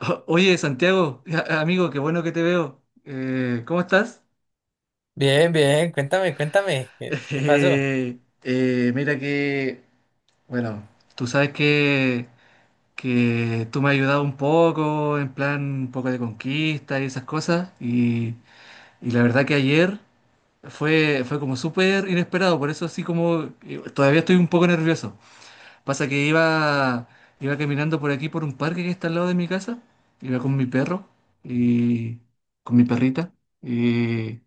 Oye, Santiago, amigo, qué bueno que te veo. ¿Cómo estás? Bien, bien, cuéntame, cuéntame, ¿qué, qué pasó? Eh, mira que, bueno, tú sabes que tú me has ayudado un poco, en plan un poco de conquista y esas cosas, y la verdad que ayer fue como súper inesperado, por eso así como todavía estoy un poco nervioso. Pasa que iba caminando por aquí, por un parque que está al lado de mi casa. Iba con mi perro y con mi perrita. Y,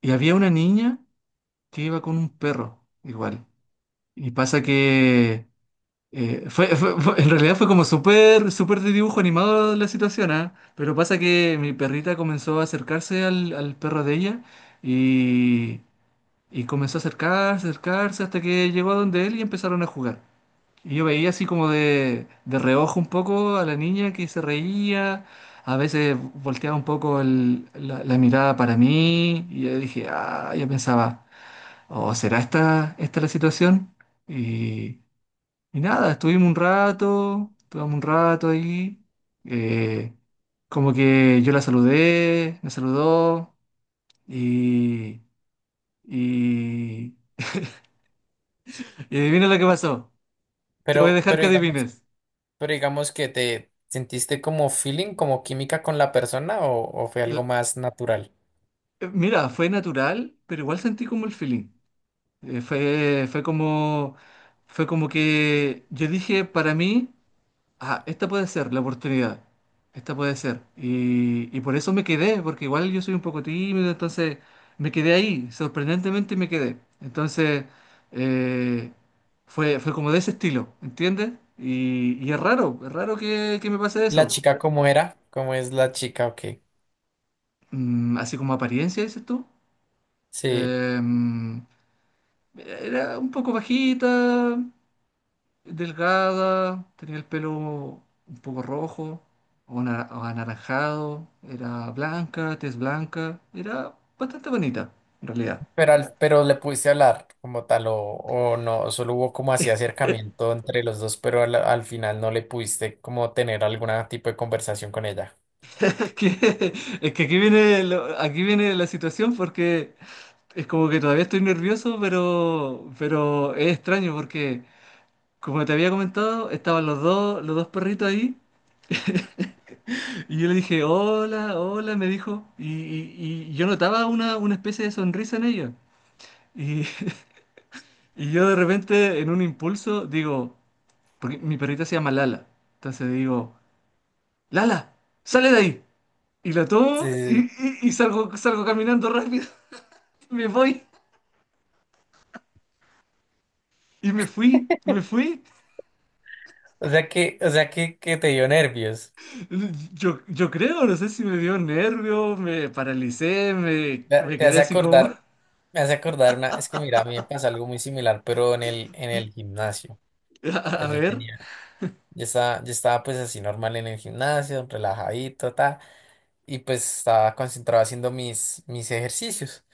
y había una niña que iba con un perro igual. Y pasa que en realidad fue como súper, súper de dibujo animado la situación, ¿ah? Pero pasa que mi perrita comenzó a acercarse al perro de ella y, y comenzó a acercarse, acercarse hasta que llegó a donde él y empezaron a jugar. Y yo veía así como de reojo un poco a la niña que se reía, a veces volteaba un poco la mirada para mí y yo dije, ah, yo pensaba, ¿o será esta la situación? Y, y nada, estuvimos un rato ahí, eh, como que yo la saludé, me saludó y, y, y adivina lo que pasó, te voy a Pero, dejar pero que digamos, adivines. pero digamos que te sentiste como feeling, como química con la persona o fue algo más natural. Mira, fue natural, pero igual sentí como el feeling. Eh, fue, fue como, fue como que yo dije para mí, ah, esta puede ser la oportunidad, esta puede ser. Y por eso me quedé, porque igual yo soy un poco tímido, entonces me quedé ahí, sorprendentemente me quedé. Entonces eh, fue como de ese estilo, ¿entiendes? Y es raro que me pase ¿Y la eso. chica cómo era? ¿Cómo es la chica? Ok. Mm, así como apariencia, dices tú. Sí. Em, Era un poco bajita, delgada, tenía el pelo un poco rojo o anaranjado, era blanca, tez blanca, era bastante bonita en realidad. Pero, pero le pudiste hablar como tal o no, solo hubo como así acercamiento entre los dos, pero al final no le pudiste como tener algún tipo de conversación con ella. Es que, es que aquí viene la situación porque es como que todavía estoy nervioso, pero es extraño porque, como te había comentado, estaban los dos perritos ahí. Y yo le dije, hola, hola, me dijo. Y yo notaba una especie de sonrisa en ella. Y, y yo de repente, en un impulso, digo, porque mi perrita se llama Lala. Entonces digo, Lala, sale de ahí. Y la Sí, tomo sí, sí. Y salgo, salgo caminando rápido. Me voy. Y me fui, me fui. O sea que te dio nervios. Yo creo, no sé si me dio nervio, me paralicé, Te me te quedé hace así como, acordar. Me hace acordar una, es que mira, a mí me pasa algo muy similar, pero en el gimnasio. a, O sea, a yo ver, tenía, yo estaba pues así normal en el gimnasio, relajadito, ta, y pues estaba concentrado haciendo mis ejercicios.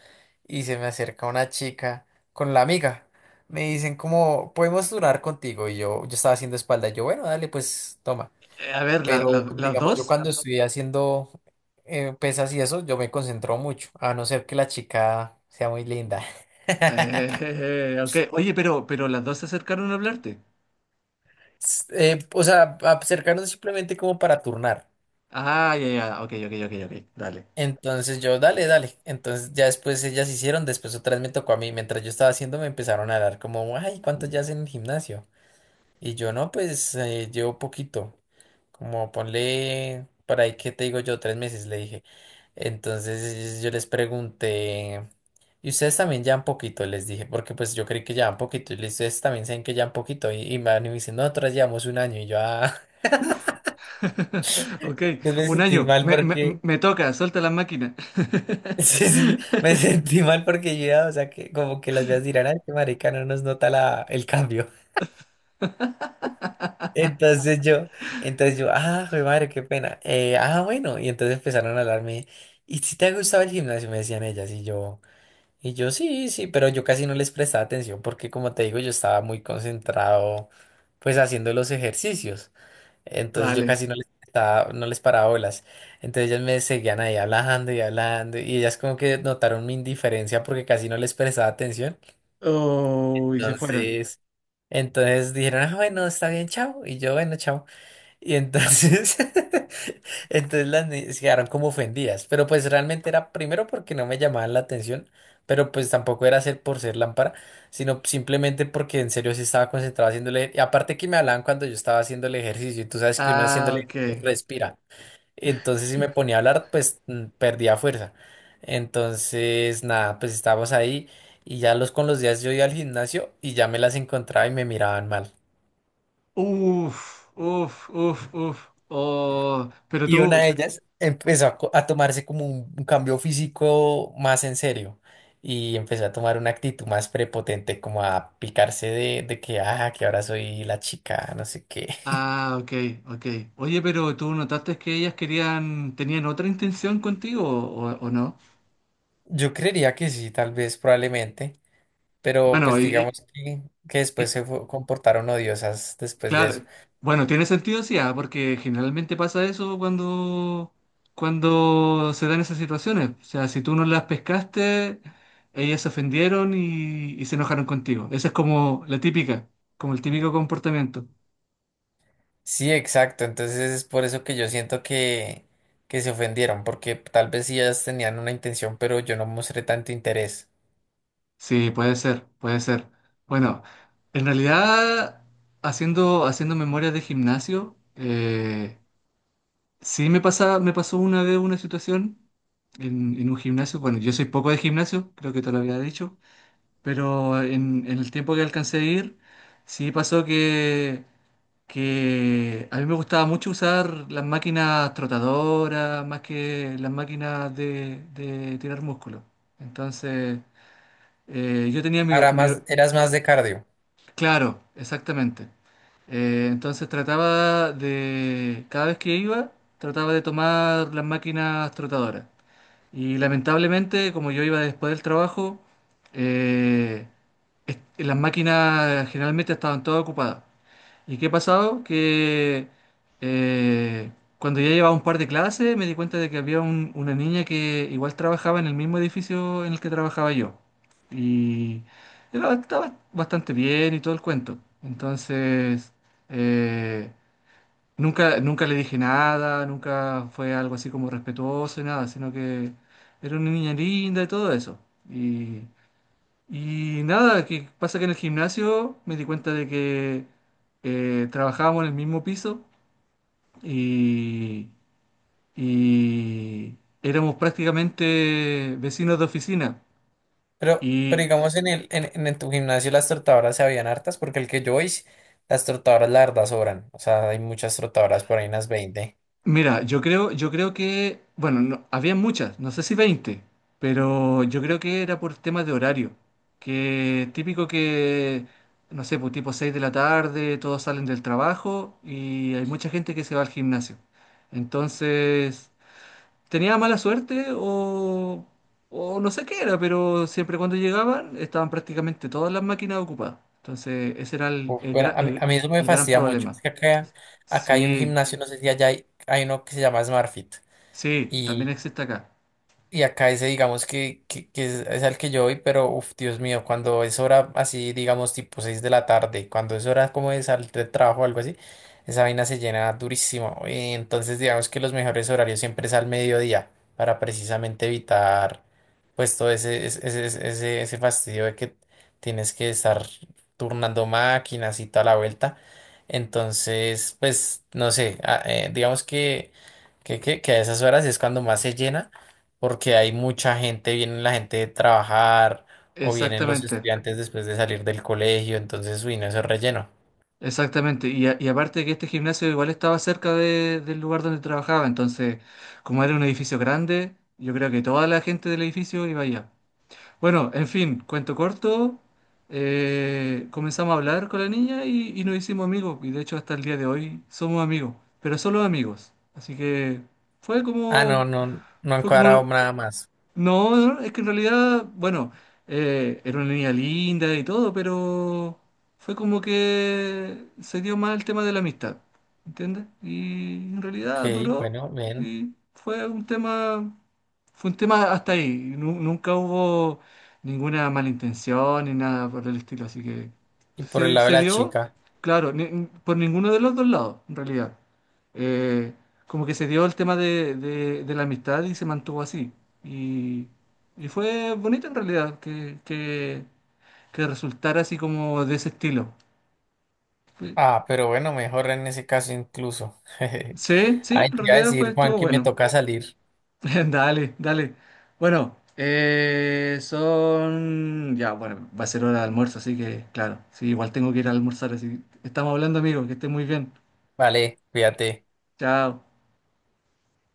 Y se me acerca una chica con la amiga. Me dicen como, ¿podemos durar contigo? Y yo estaba haciendo espalda. Y yo, bueno, dale, pues toma. a ver, Pero las digamos, yo dos. cuando estoy haciendo pesas y eso, yo me concentro mucho, a no ser que la chica sea muy linda. Ok, oye, pero las dos se acercaron a hablarte. O sea, acercarnos simplemente como para turnar. Ah, ya, ya, ok, ok, ok, ok, dale. Entonces yo, dale, dale. Entonces ya después ellas hicieron, después otra vez me tocó a mí. Mientras yo estaba haciendo, me empezaron a dar como, ay, ¿cuánto ya hacen en el gimnasio? Y yo, no, pues llevo poquito. Como ponle, por ahí, ¿qué te digo yo? Tres meses, le dije. Entonces yo les pregunté, ¿y ustedes también llevan poquito? Les dije, porque pues yo creí que llevan poquito. Y les dije, ustedes también saben que llevan poquito. Y me van y me dicen, "No, nosotras llevamos un año". Y yo, ah. Uf. Ok, Yo me un sentí año, mal porque, me toca, suelta la máquina. sí, sí, sí, me sentí mal porque yo, ya, o sea, que como que las veas dirán, ay, qué marica, no nos nota la, el cambio. Entonces yo, entonces yo, ah, joder, madre, qué pena. Ah, bueno, y entonces empezaron a hablarme, ¿y si te ha gustado el gimnasio? Me decían ellas, y yo, sí, sí, pero yo casi no les prestaba atención porque, como te digo, yo estaba muy concentrado, pues, haciendo los ejercicios. Entonces yo Dale. casi no les, no les paraba bolas. Entonces ellas me seguían ahí hablando y hablando y ellas como que notaron mi indiferencia porque casi no les prestaba atención. Oh, y se fueron. Entonces, entonces dijeron, ah, bueno, está bien, chao. Y yo, bueno, chao. Y entonces, entonces las niñas quedaron como ofendidas, pero pues realmente era primero porque no me llamaban la atención, pero pues tampoco era ser por ser lámpara, sino simplemente porque en serio sí estaba concentrado haciéndole, y aparte que me hablaban cuando yo estaba haciendo el ejercicio, y tú sabes que uno Ah, haciéndole ok. ejercicio respira, entonces si me ponía a hablar, pues perdía fuerza. Entonces, nada, pues estábamos ahí y ya los con los días yo iba al gimnasio y ya me las encontraba y me miraban mal. Uf, uf, uf, uf. Oh, pero tú. Y una de ellas empezó a, a tomarse como un cambio físico más en serio y empezó a tomar una actitud más prepotente, como a picarse de que, ah, que ahora soy la chica, no sé qué. Ah, ok, ok. Oye, pero tú notaste que ellas querían, tenían otra intención contigo o, ¿o no? Yo creería que sí, tal vez, probablemente, pero Bueno, pues y, digamos que después y- comportaron odiosas después de eso. claro, bueno, tiene sentido, sí, ah, porque generalmente pasa eso cuando, cuando se dan esas situaciones. O sea, si tú no las pescaste, ellas se ofendieron y se enojaron contigo. Esa es como la típica, como el típico comportamiento. Sí, exacto, entonces es por eso que yo siento que se ofendieron, porque tal vez sí ellas tenían una intención, pero yo no mostré tanto interés. Sí, puede ser, puede ser. Bueno, en realidad, haciendo memoria de gimnasio, sí me pasa, me pasó una vez una situación en un gimnasio. Bueno, yo soy poco de gimnasio, creo que te lo había dicho. Pero en el tiempo que alcancé a ir, sí pasó que a mí me gustaba mucho usar las máquinas trotadoras más que las máquinas de tirar músculo. Entonces, yo tenía mi, Ahora mi- más, eras más de cardio. claro, exactamente. Entonces trataba de, cada vez que iba, trataba de tomar las máquinas trotadoras. Y lamentablemente, como yo iba después del trabajo, eh, las máquinas generalmente estaban todas ocupadas. ¿Y qué ha pasado? Que eh, cuando ya llevaba un par de clases me di cuenta de que había una niña que igual trabajaba en el mismo edificio en el que trabajaba yo. Y estaba bastante bien y todo el cuento. Entonces, eh, nunca, nunca le dije nada, nunca fue algo así como respetuoso y nada, sino que era una niña linda y todo eso. Y, y nada, que pasa que en el gimnasio me di cuenta de que trabajábamos en el mismo piso y, y éramos prácticamente vecinos de oficina. Pero Y digamos en el, en tu gimnasio las trotadoras se habían hartas, porque el que yo hice, las trotadoras la verdad sobran. O sea, hay muchas trotadoras por ahí, unas 20. mira, yo creo que, bueno, había muchas, no sé si 20, pero yo creo que era por temas de horario, que típico que, no sé, pues tipo 6 de la tarde, todos salen del trabajo y hay mucha gente que se va al gimnasio. Entonces, tenía mala suerte o no sé qué era, pero siempre cuando llegaban estaban prácticamente todas las máquinas ocupadas. Entonces, ese era Uf, bueno, a mí eso me el gran fastidia mucho. Es problema. que acá, acá hay un Sí, gimnasio, no sé si allá hay, hay uno que se llama SmartFit. sí, también existe acá. Y acá ese, digamos, que es al que yo voy, pero, uff, Dios mío, cuando es hora así, digamos, tipo 6 de la tarde, cuando es hora como de salir de trabajo o algo así, esa vaina se llena durísimo. Y entonces, digamos que los mejores horarios siempre es al mediodía, para precisamente evitar, pues, todo ese, ese, ese, ese fastidio de que tienes que estar turnando máquinas y toda la vuelta. Entonces, pues, no sé, ah, digamos que, que a esas horas es cuando más se llena porque hay mucha gente, viene la gente de trabajar o vienen los Exactamente, estudiantes después de salir del colegio, entonces, uy, no, eso es relleno. exactamente. Y, y aparte que este gimnasio igual estaba cerca del lugar donde trabajaba, entonces como era un edificio grande, yo creo que toda la gente del edificio iba allá. Bueno, en fin, cuento corto, comenzamos a hablar con la niña y nos hicimos amigos, y de hecho hasta el día de hoy somos amigos, pero solo amigos. Así que fue Ah, no, como, no, no han fue cuadrado como nada más. no, no, es que en realidad, bueno, era una niña linda y todo, pero fue como que se dio más el tema de la amistad, ¿entiendes? Y en Ok, realidad duró bueno, bien. y fue un tema hasta ahí. Nunca hubo ninguna malintención ni nada por el estilo, así que Y por el lado de se la dio, chica. claro, por ninguno de los dos lados, en realidad. Eh, como que se dio el tema de, de la amistad y se mantuvo así. Y, y fue bonito en realidad que resultara así como de ese estilo. Fue- Ah, pero bueno, mejor en ese caso incluso. sí, sí, Ay, en te iba a realidad fue, decir, Juan, estuvo que me bueno. toca salir. Dale, dale. Bueno, son... Ya, bueno, va a ser hora de almuerzo, así que claro, sí, igual tengo que ir a almorzar, así. Estamos hablando, amigo, que estés muy bien. Vale, cuídate. Chao.